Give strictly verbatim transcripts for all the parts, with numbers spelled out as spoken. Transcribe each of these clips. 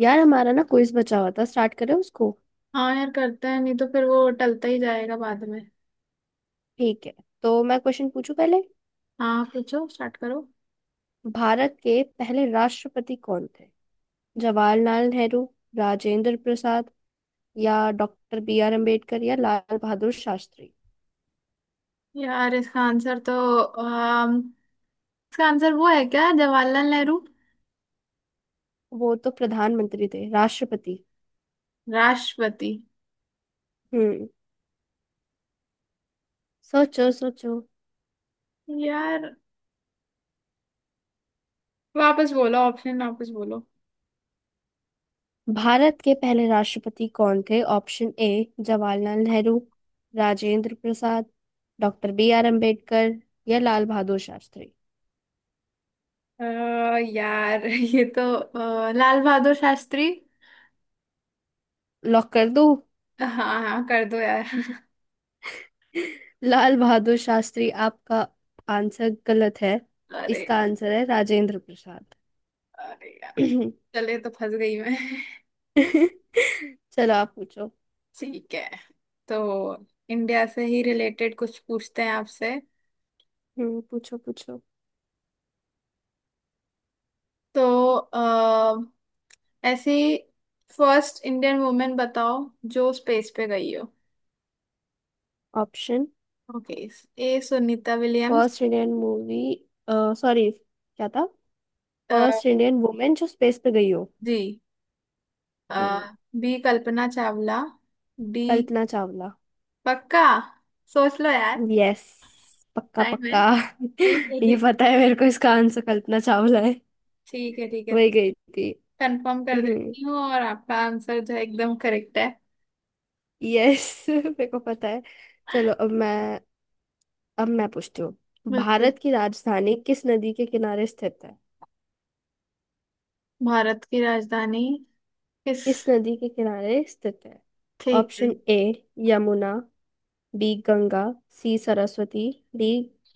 यार हमारा ना क्विज बचा हुआ था, स्टार्ट करें उसको। हाँ यार करते हैं नहीं तो फिर वो टलता ही जाएगा बाद में। ठीक है। तो मैं क्वेश्चन पूछूं पहले। हाँ पूछो स्टार्ट करो। भारत के पहले राष्ट्रपति कौन थे? जवाहरलाल नेहरू, राजेंद्र प्रसाद या डॉक्टर बी आर अम्बेडकर या लाल बहादुर शास्त्री। यार इसका आंसर तो अम, इसका आंसर वो है क्या, जवाहरलाल नेहरू? वो तो प्रधानमंत्री थे, राष्ट्रपति। राष्ट्रपति? हम्म। सोचो सोचो। यार वापस बोलो, ऑप्शन वापस बोलो। भारत के पहले राष्ट्रपति कौन थे? Option A Jawaharlal Nehru, Rajendra Prasad, doctor B R Ambedkar या लाल बहादुर शास्त्री। अ, यार ये तो अ, लाल बहादुर शास्त्री। लॉक कर दूं? हाँ। हाँ कर दो यार। लाल बहादुर शास्त्री आपका आंसर गलत है। अरे। इसका आंसर है राजेंद्र प्रसाद। अरे यार चले तो फंस गई मैं। चलो, आप पूछो। ठीक है। तो इंडिया से ही रिलेटेड कुछ पूछते हैं आपसे। हम्म, पूछो पूछो। तो आ, ऐसी फर्स्ट इंडियन वुमेन बताओ जो स्पेस पे गई हो। Option. Okay. A Sunita Williams. First Indian movie, sorry क्या था? अ, फर्स्ट इंडियन वुमेन जो स्पेस पे गई हो। जी। हम्म, बी कल्पना चावला। डी। कल्पना चावला। पक्का सोच लो यार, यस, पक्का टाइम है। पक्का। ठीक है, ये ठीक। पता है मेरे को, इसका आंसर कल्पना चावला है। ठीक है ठीक है, वही गई थी। कंफर्म कर देती हूँ और आपका आंसर जो है एकदम करेक्ट है। यस मेरे को पता है। चलो अब मैं अब मैं पूछती हूँ। बिल्कुल। भारत की राजधानी किस नदी के किनारे स्थित है? भारत की राजधानी किस। किस नदी के किनारे स्थित है? ठीक है। Option A Yamuna, B Ganga, C Saraswati, D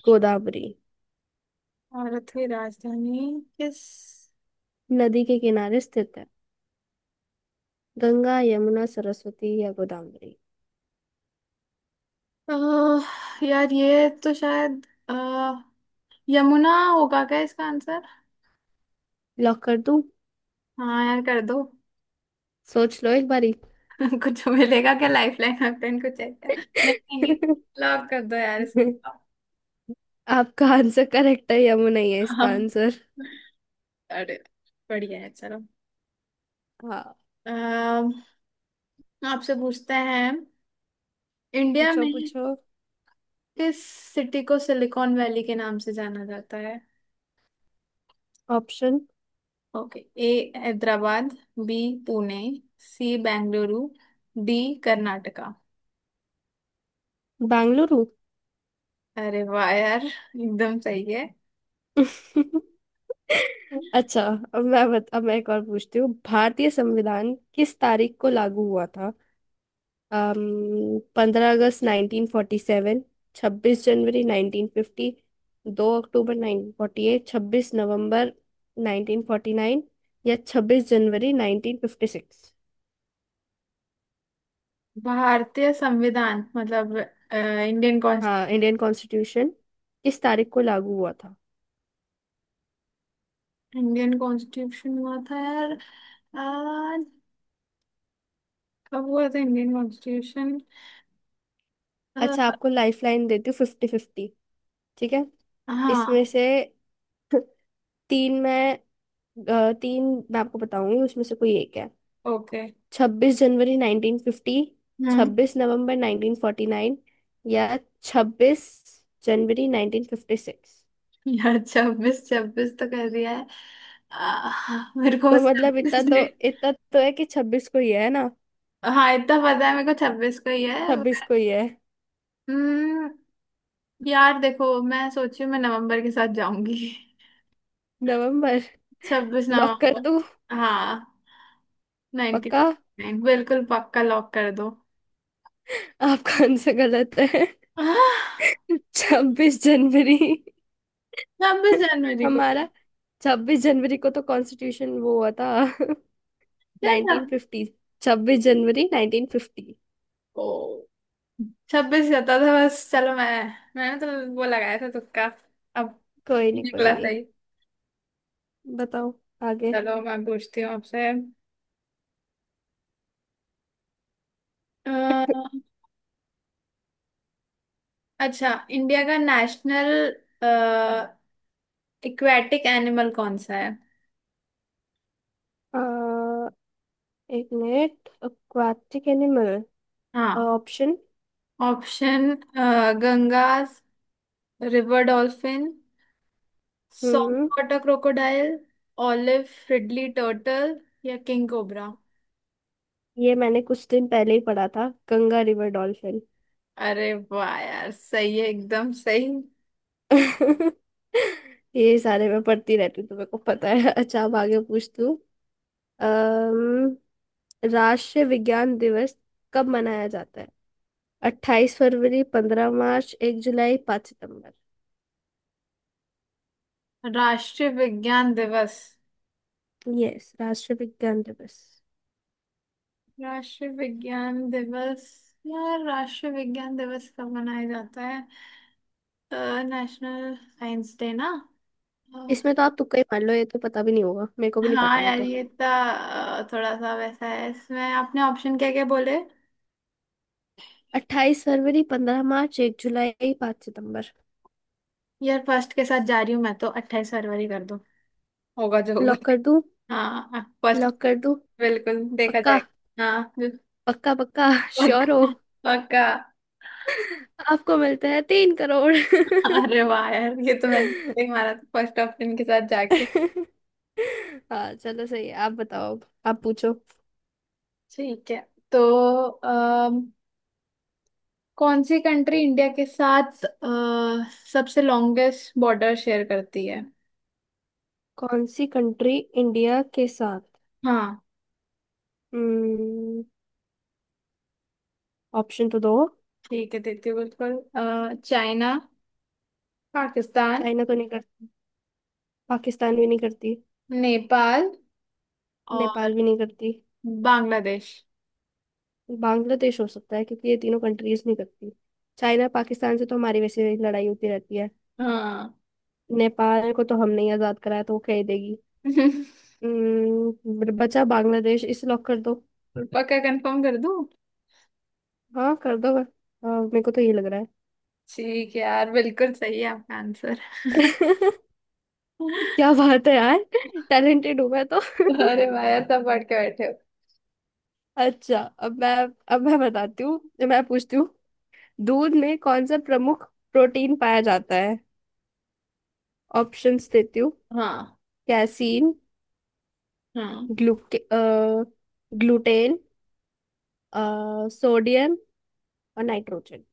Godavari. Bharat की राजधानी किस। नदी के किनारे स्थित है? गंगा, यमुना, सरस्वती या गोदावरी। अह, यार ये तो शायद अह, यमुना होगा क्या इसका आंसर। लॉक कर दूं? हाँ यार कर दो। सोच लो एक बारी। कुछ मिलेगा क्या, लाइफ लाइन वैफलाइन कुछ है क्या? नहीं नहीं, नहीं लॉक कर दो यार इसका। आपका आंसर करेक्ट है, यमुना ही है हाँ। इसका आंसर। अरे, बढ़िया है चलो। हाँ, अह, आपसे पूछते हैं, इंडिया पूछो में पूछो। किस सिटी को सिलिकॉन वैली के नाम से जाना जाता है? Option okay. A Hyderabad. B Pune. C Bengaluru. D Karnataka. Bengaluru. अरे वाह यार एकदम सही है। अच्छा। अब मैं बत, अब मैं एक और पूछती हूँ। भारतीय संविधान किस तारीख को लागू हुआ था? पंद्रह अगस्त नाइनटीन फोर्टी सेवन, छब्बीस जनवरी नाइनटीन फिफ्टी, दो अक्टूबर नाइनटीन फोर्टी एट, छब्बीस नवंबर नाइनटीन फोर्टी नाइन या छब्बीस जनवरी नाइनटीन फिफ्टी सिक्स। भारतीय संविधान मतलब इंडियन। हाँ, इंडियन कॉन्स्टिट्यूशन किस तारीख को लागू हुआ था? इंडियन कॉन्स्टिट्यूशन हुआ था यार। अ, कब हुआ था इंडियन कॉन्स्टिट्यूशन? अच्छा, आपको लाइफ लाइन देती हूँ फिफ्टी फिफ्टी। ठीक है। इसमें हाँ। से तीन मैं अ, तीन मैं आपको बताऊंगी उसमें से कोई एक है। ओके। छब्बीस जनवरी 1950, हम्म। छब्बीस नवंबर 1949 या छब्बीस जनवरी 1956। यार छब्बीस छब्बीस तो कर दिया है। अ, मेरे को तो बस मतलब इतना छब्बीस तो डेट। इतना तो है कि छब्बीस को ही है ना। हाँ इतना पता है मेरे को छब्बीस को ही है। छब्बीस को ही है। हम्म। यार देखो मैं सोची हूँ मैं नवंबर के साथ जाऊंगी। नवंबर। छब्बीस लॉक कर नवंबर। दूं? हाँ, नाइनटी पक्का? नाइन बिल्कुल पक्का लॉक कर दो। आपका आंसर गलत है। आह, छब्बीस जनवरी। छब्बीस जनवरी को? हमारा छब्बीस जनवरी को तो कॉन्स्टिट्यूशन वो हुआ था। क्या था? Nineteen fifty. छब्बीस जनवरी 1950। ओ, छब्बीस जाता था बस। चलो मैं, मैंने तो वो लगाया था तुक्का अब, कोई नहीं कोई निकला नहीं। सही। बताओ आगे। चलो मैं पूछती हूँ आपसे। अह, अच्छा इंडिया का नेशनल इक्वेटिक एनिमल कौन सा है? अ, एक मिनट, एक्वाटिक एनिमल। हाँ। Option. Option: Ganga river dolphin, soft hmm. Water crocodile, olive ridley turtle या किंग कोबरा। ये मैंने कुछ दिन पहले ही पढ़ा था, गंगा रिवर डॉल्फिन। अरे वाह यार सही है एकदम सही। ये सारे मैं पढ़ती रहती हूँ तो मेरे को पता है। अच्छा, अब आगे पूछ तू। अम्म, राष्ट्रीय विज्ञान दिवस कब मनाया जाता है? अट्ठाईस फरवरी, पंद्रह मार्च, एक जुलाई, पाँच सितंबर। राष्ट्रीय विज्ञान दिवस। यस, राष्ट्रीय विज्ञान दिवस। राष्ट्रीय विज्ञान दिवस। यार राष्ट्रीय विज्ञान दिवस कब मनाया जाता है? नेशनल साइंस डे ना। अ, इसमें तो आप तुक्का ही मान लो, ये तो पता भी नहीं होगा, मेरे को भी नहीं पता हाँ है। यार ये तो अ, थोड़ा सा वैसा है, इसमें आपने ऑप्शन क्या क्या बोले? अट्ठाईस फरवरी, पंद्रह मार्च, एक जुलाई, पाँच सितंबर। यार फर्स्ट के साथ जा रही हूँ मैं तो, अट्ठाईस फरवरी कर दो। होगा जो होगा। लॉक कर दूं? हाँ फर्स्ट। लॉक कर दूं? बिल्कुल देखा पक्का? जाएगा। हाँ, पक्का पक्का? श्योर हो? पक्का पक्का। आपको मिलता है तीन करोड़। अरे वाह यार ये तो मैंने नहीं मारा था फर्स्ट ऑप्शन के साथ जाके। हाँ, चलो सही है, आप बताओ। आप पूछो। ठीक है। तो अम, कौन सी कंट्री इंडिया के साथ अ, सबसे लॉन्गेस्ट बॉर्डर शेयर करती है? कौन सी कंट्री इंडिया के साथ। हाँ। हम्म। ऑप्शन तो दो। ठीक है देती हूँ बिल्कुल। अ, चाइना, पाकिस्तान, चाइना तो नहीं करती। पाकिस्तान भी नहीं करती। नेपाल और नेपाल भी नहीं करती। बांग्लादेश। बांग्लादेश हो सकता है क्योंकि ये तीनों कंट्रीज नहीं करती। चाइना, पाकिस्तान से तो हमारी वैसे ही लड़ाई होती रहती है। हाँ। नेपाल को तो हमने ही आजाद कराया तो वो कह ही देगी। हम्म, ब- बचा बांग्लादेश, इसे लॉक कर दो। पक्का कंफर्म कर दूँ? हाँ कर दो, हाँ, मेरे को तो ये लग रहा है। ठीक है यार, बिल्कुल सही है आपका आंसर। क्या बात है यार। टैलेंटेड हूँ मैं तो। अरे भाई तब पढ़ के बैठे हो। अच्छा अब मैं अब मैं बताती हूँ, मैं पूछती हूँ। दूध में कौन सा प्रमुख प्रोटीन पाया जाता है? ऑप्शंस देती हूँ। हाँ। कैसीन, हाँ ग्लूके ग्लूटेन, सोडियम और नाइट्रोजन।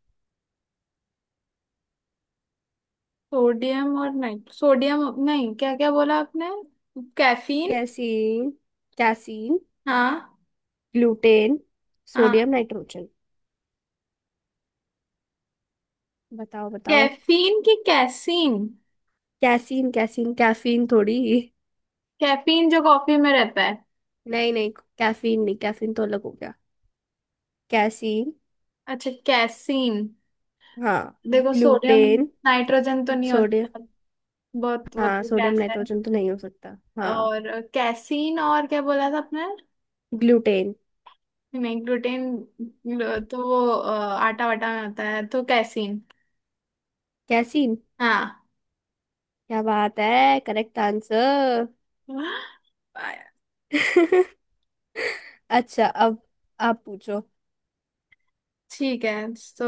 सोडियम और नाइट सोडियम नहीं, क्या क्या बोला आपने? कैफीन? कैसीन, कैसीन, हाँ। ग्लूटेन, हाँ। Sodium, nitrogen. बताओ बताओ। कैफीन की कैसीन? कैसीन, कैसीन कैफीन थोड़ी। कैफीन जो कॉफी में रहता है। नहीं नहीं, कैफीन नहीं, कैफीन तो अलग हो गया। कैसीन। अच्छा, कैसीन। हाँ, देखो, सोडियम ग्लूटेन, नाइट्रोजन तो नहीं सोडियम। होता, बहुत वो हाँ, तो सोडियम गैस है। नाइट्रोजन तो नहीं हो सकता, हाँ। और कैसीन और क्या बोला था आपने? ग्लूटेन। नहीं, ग्लूटेन तो वो अ, आटा वाटा में होता है, तो कैसीन। कैसीन। हाँ। क्या बात है, करेक्ट आंसर। अच्छा, अब आप पूछो। ठीक है। तो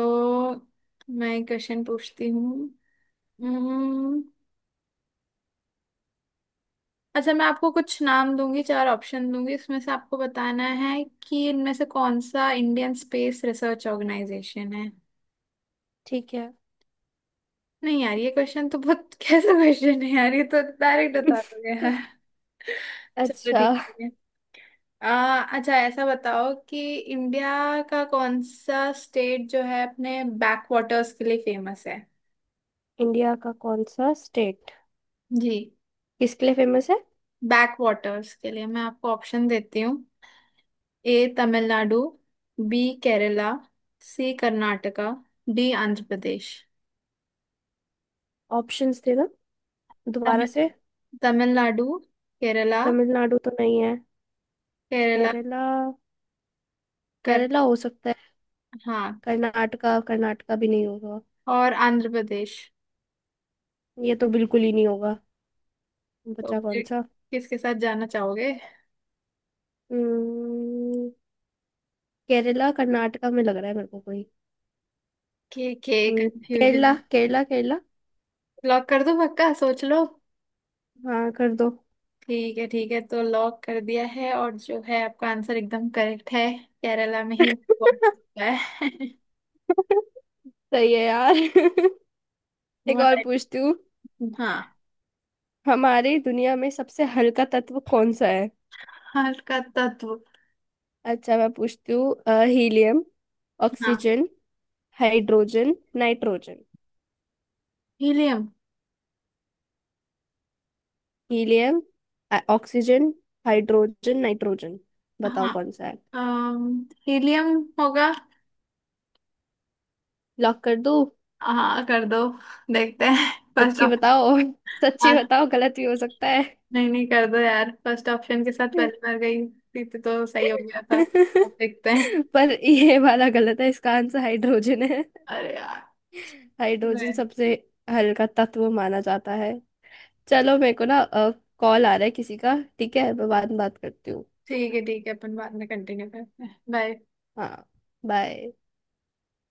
मैं क्वेश्चन पूछती हूँ। हम्म, अच्छा मैं आपको कुछ नाम दूंगी, चार ऑप्शन दूंगी, उसमें से आपको बताना है कि इनमें से कौन सा इंडियन स्पेस रिसर्च ऑर्गेनाइजेशन है। ठीक है। नहीं यार ये क्वेश्चन तो बहुत कैसा क्वेश्चन है यार, ये तो डायरेक्ट बता दोगे यार। चलो अच्छा, ठीक है। आ, अच्छा ऐसा बताओ कि इंडिया का कौन सा स्टेट जो है अपने बैक वाटर्स के लिए फेमस है? इंडिया का कौन सा स्टेट जी, किसके लिए फेमस है? बैक वाटर्स के लिए। मैं आपको ऑप्शन देती हूँ: A Tamil Nadu, B Kerala, C Karnataka, D Andhra Pradesh. Options देना दोबारा तमिल- से। तमिलनाडु, केरला, तमिलनाडु तो नहीं है। केरला केरला। कर, केरला हो सकता है। हाँ, कर्नाटका, कर्नाटका भी नहीं होगा। और आंध्र प्रदेश। ये तो बिल्कुल ही नहीं होगा। तो बचा कौन फिर सा? किसके साथ जाना चाहोगे? हम्म, केरला कर्नाटका में लग रहा है मेरे को कोई। के के हम्म, कंफ्यूजन। केरला केरला केरला। लॉक कर दो, पक्का सोच लो। हाँ कर दो। ठीक है ठीक है तो लॉक कर दिया है, और जो है आपका आंसर एकदम करेक्ट है, केरला में ही हुआ है। सही है यार। एक हुआ और है। पूछती हूँ। हाँ। हमारी दुनिया में सबसे हल्का तत्व कौन सा है? हाल का तत्व। अच्छा मैं पूछती हूँ अ, हीलियम, हाँ। Oxygen, hydrogen, nitrogen. Helium. Helium, अ, ऑक्सीजन, हाइड्रोजन, नाइट्रोजन। बताओ हाँ। कौन सा है? अम, हीलियम होगा। लॉक कर दूँ? हाँ कर दो, देखते हैं। फर्स्ट सच्ची बताओ, सच्ची ऑप्शन। बताओ गलत भी हो सकता है। नहीं नहीं कर दो यार, फर्स्ट ऑप्शन के साथ पहले बार गई थी तो तो सही हो गया था, अब देखते हैं। पर ये वाला गलत है, इसका आंसर हाइड्रोजन है। अरे यार। हाइड्रोजन मैं- सबसे हल्का तत्व माना जाता है। चलो, मेरे को ना कॉल आ रहा है किसी का, ठीक है मैं बाद में बात करती हूँ। ठीक है ठीक है, अपन बाद में कंटिन्यू करते हैं, बाय। हाँ। बाय।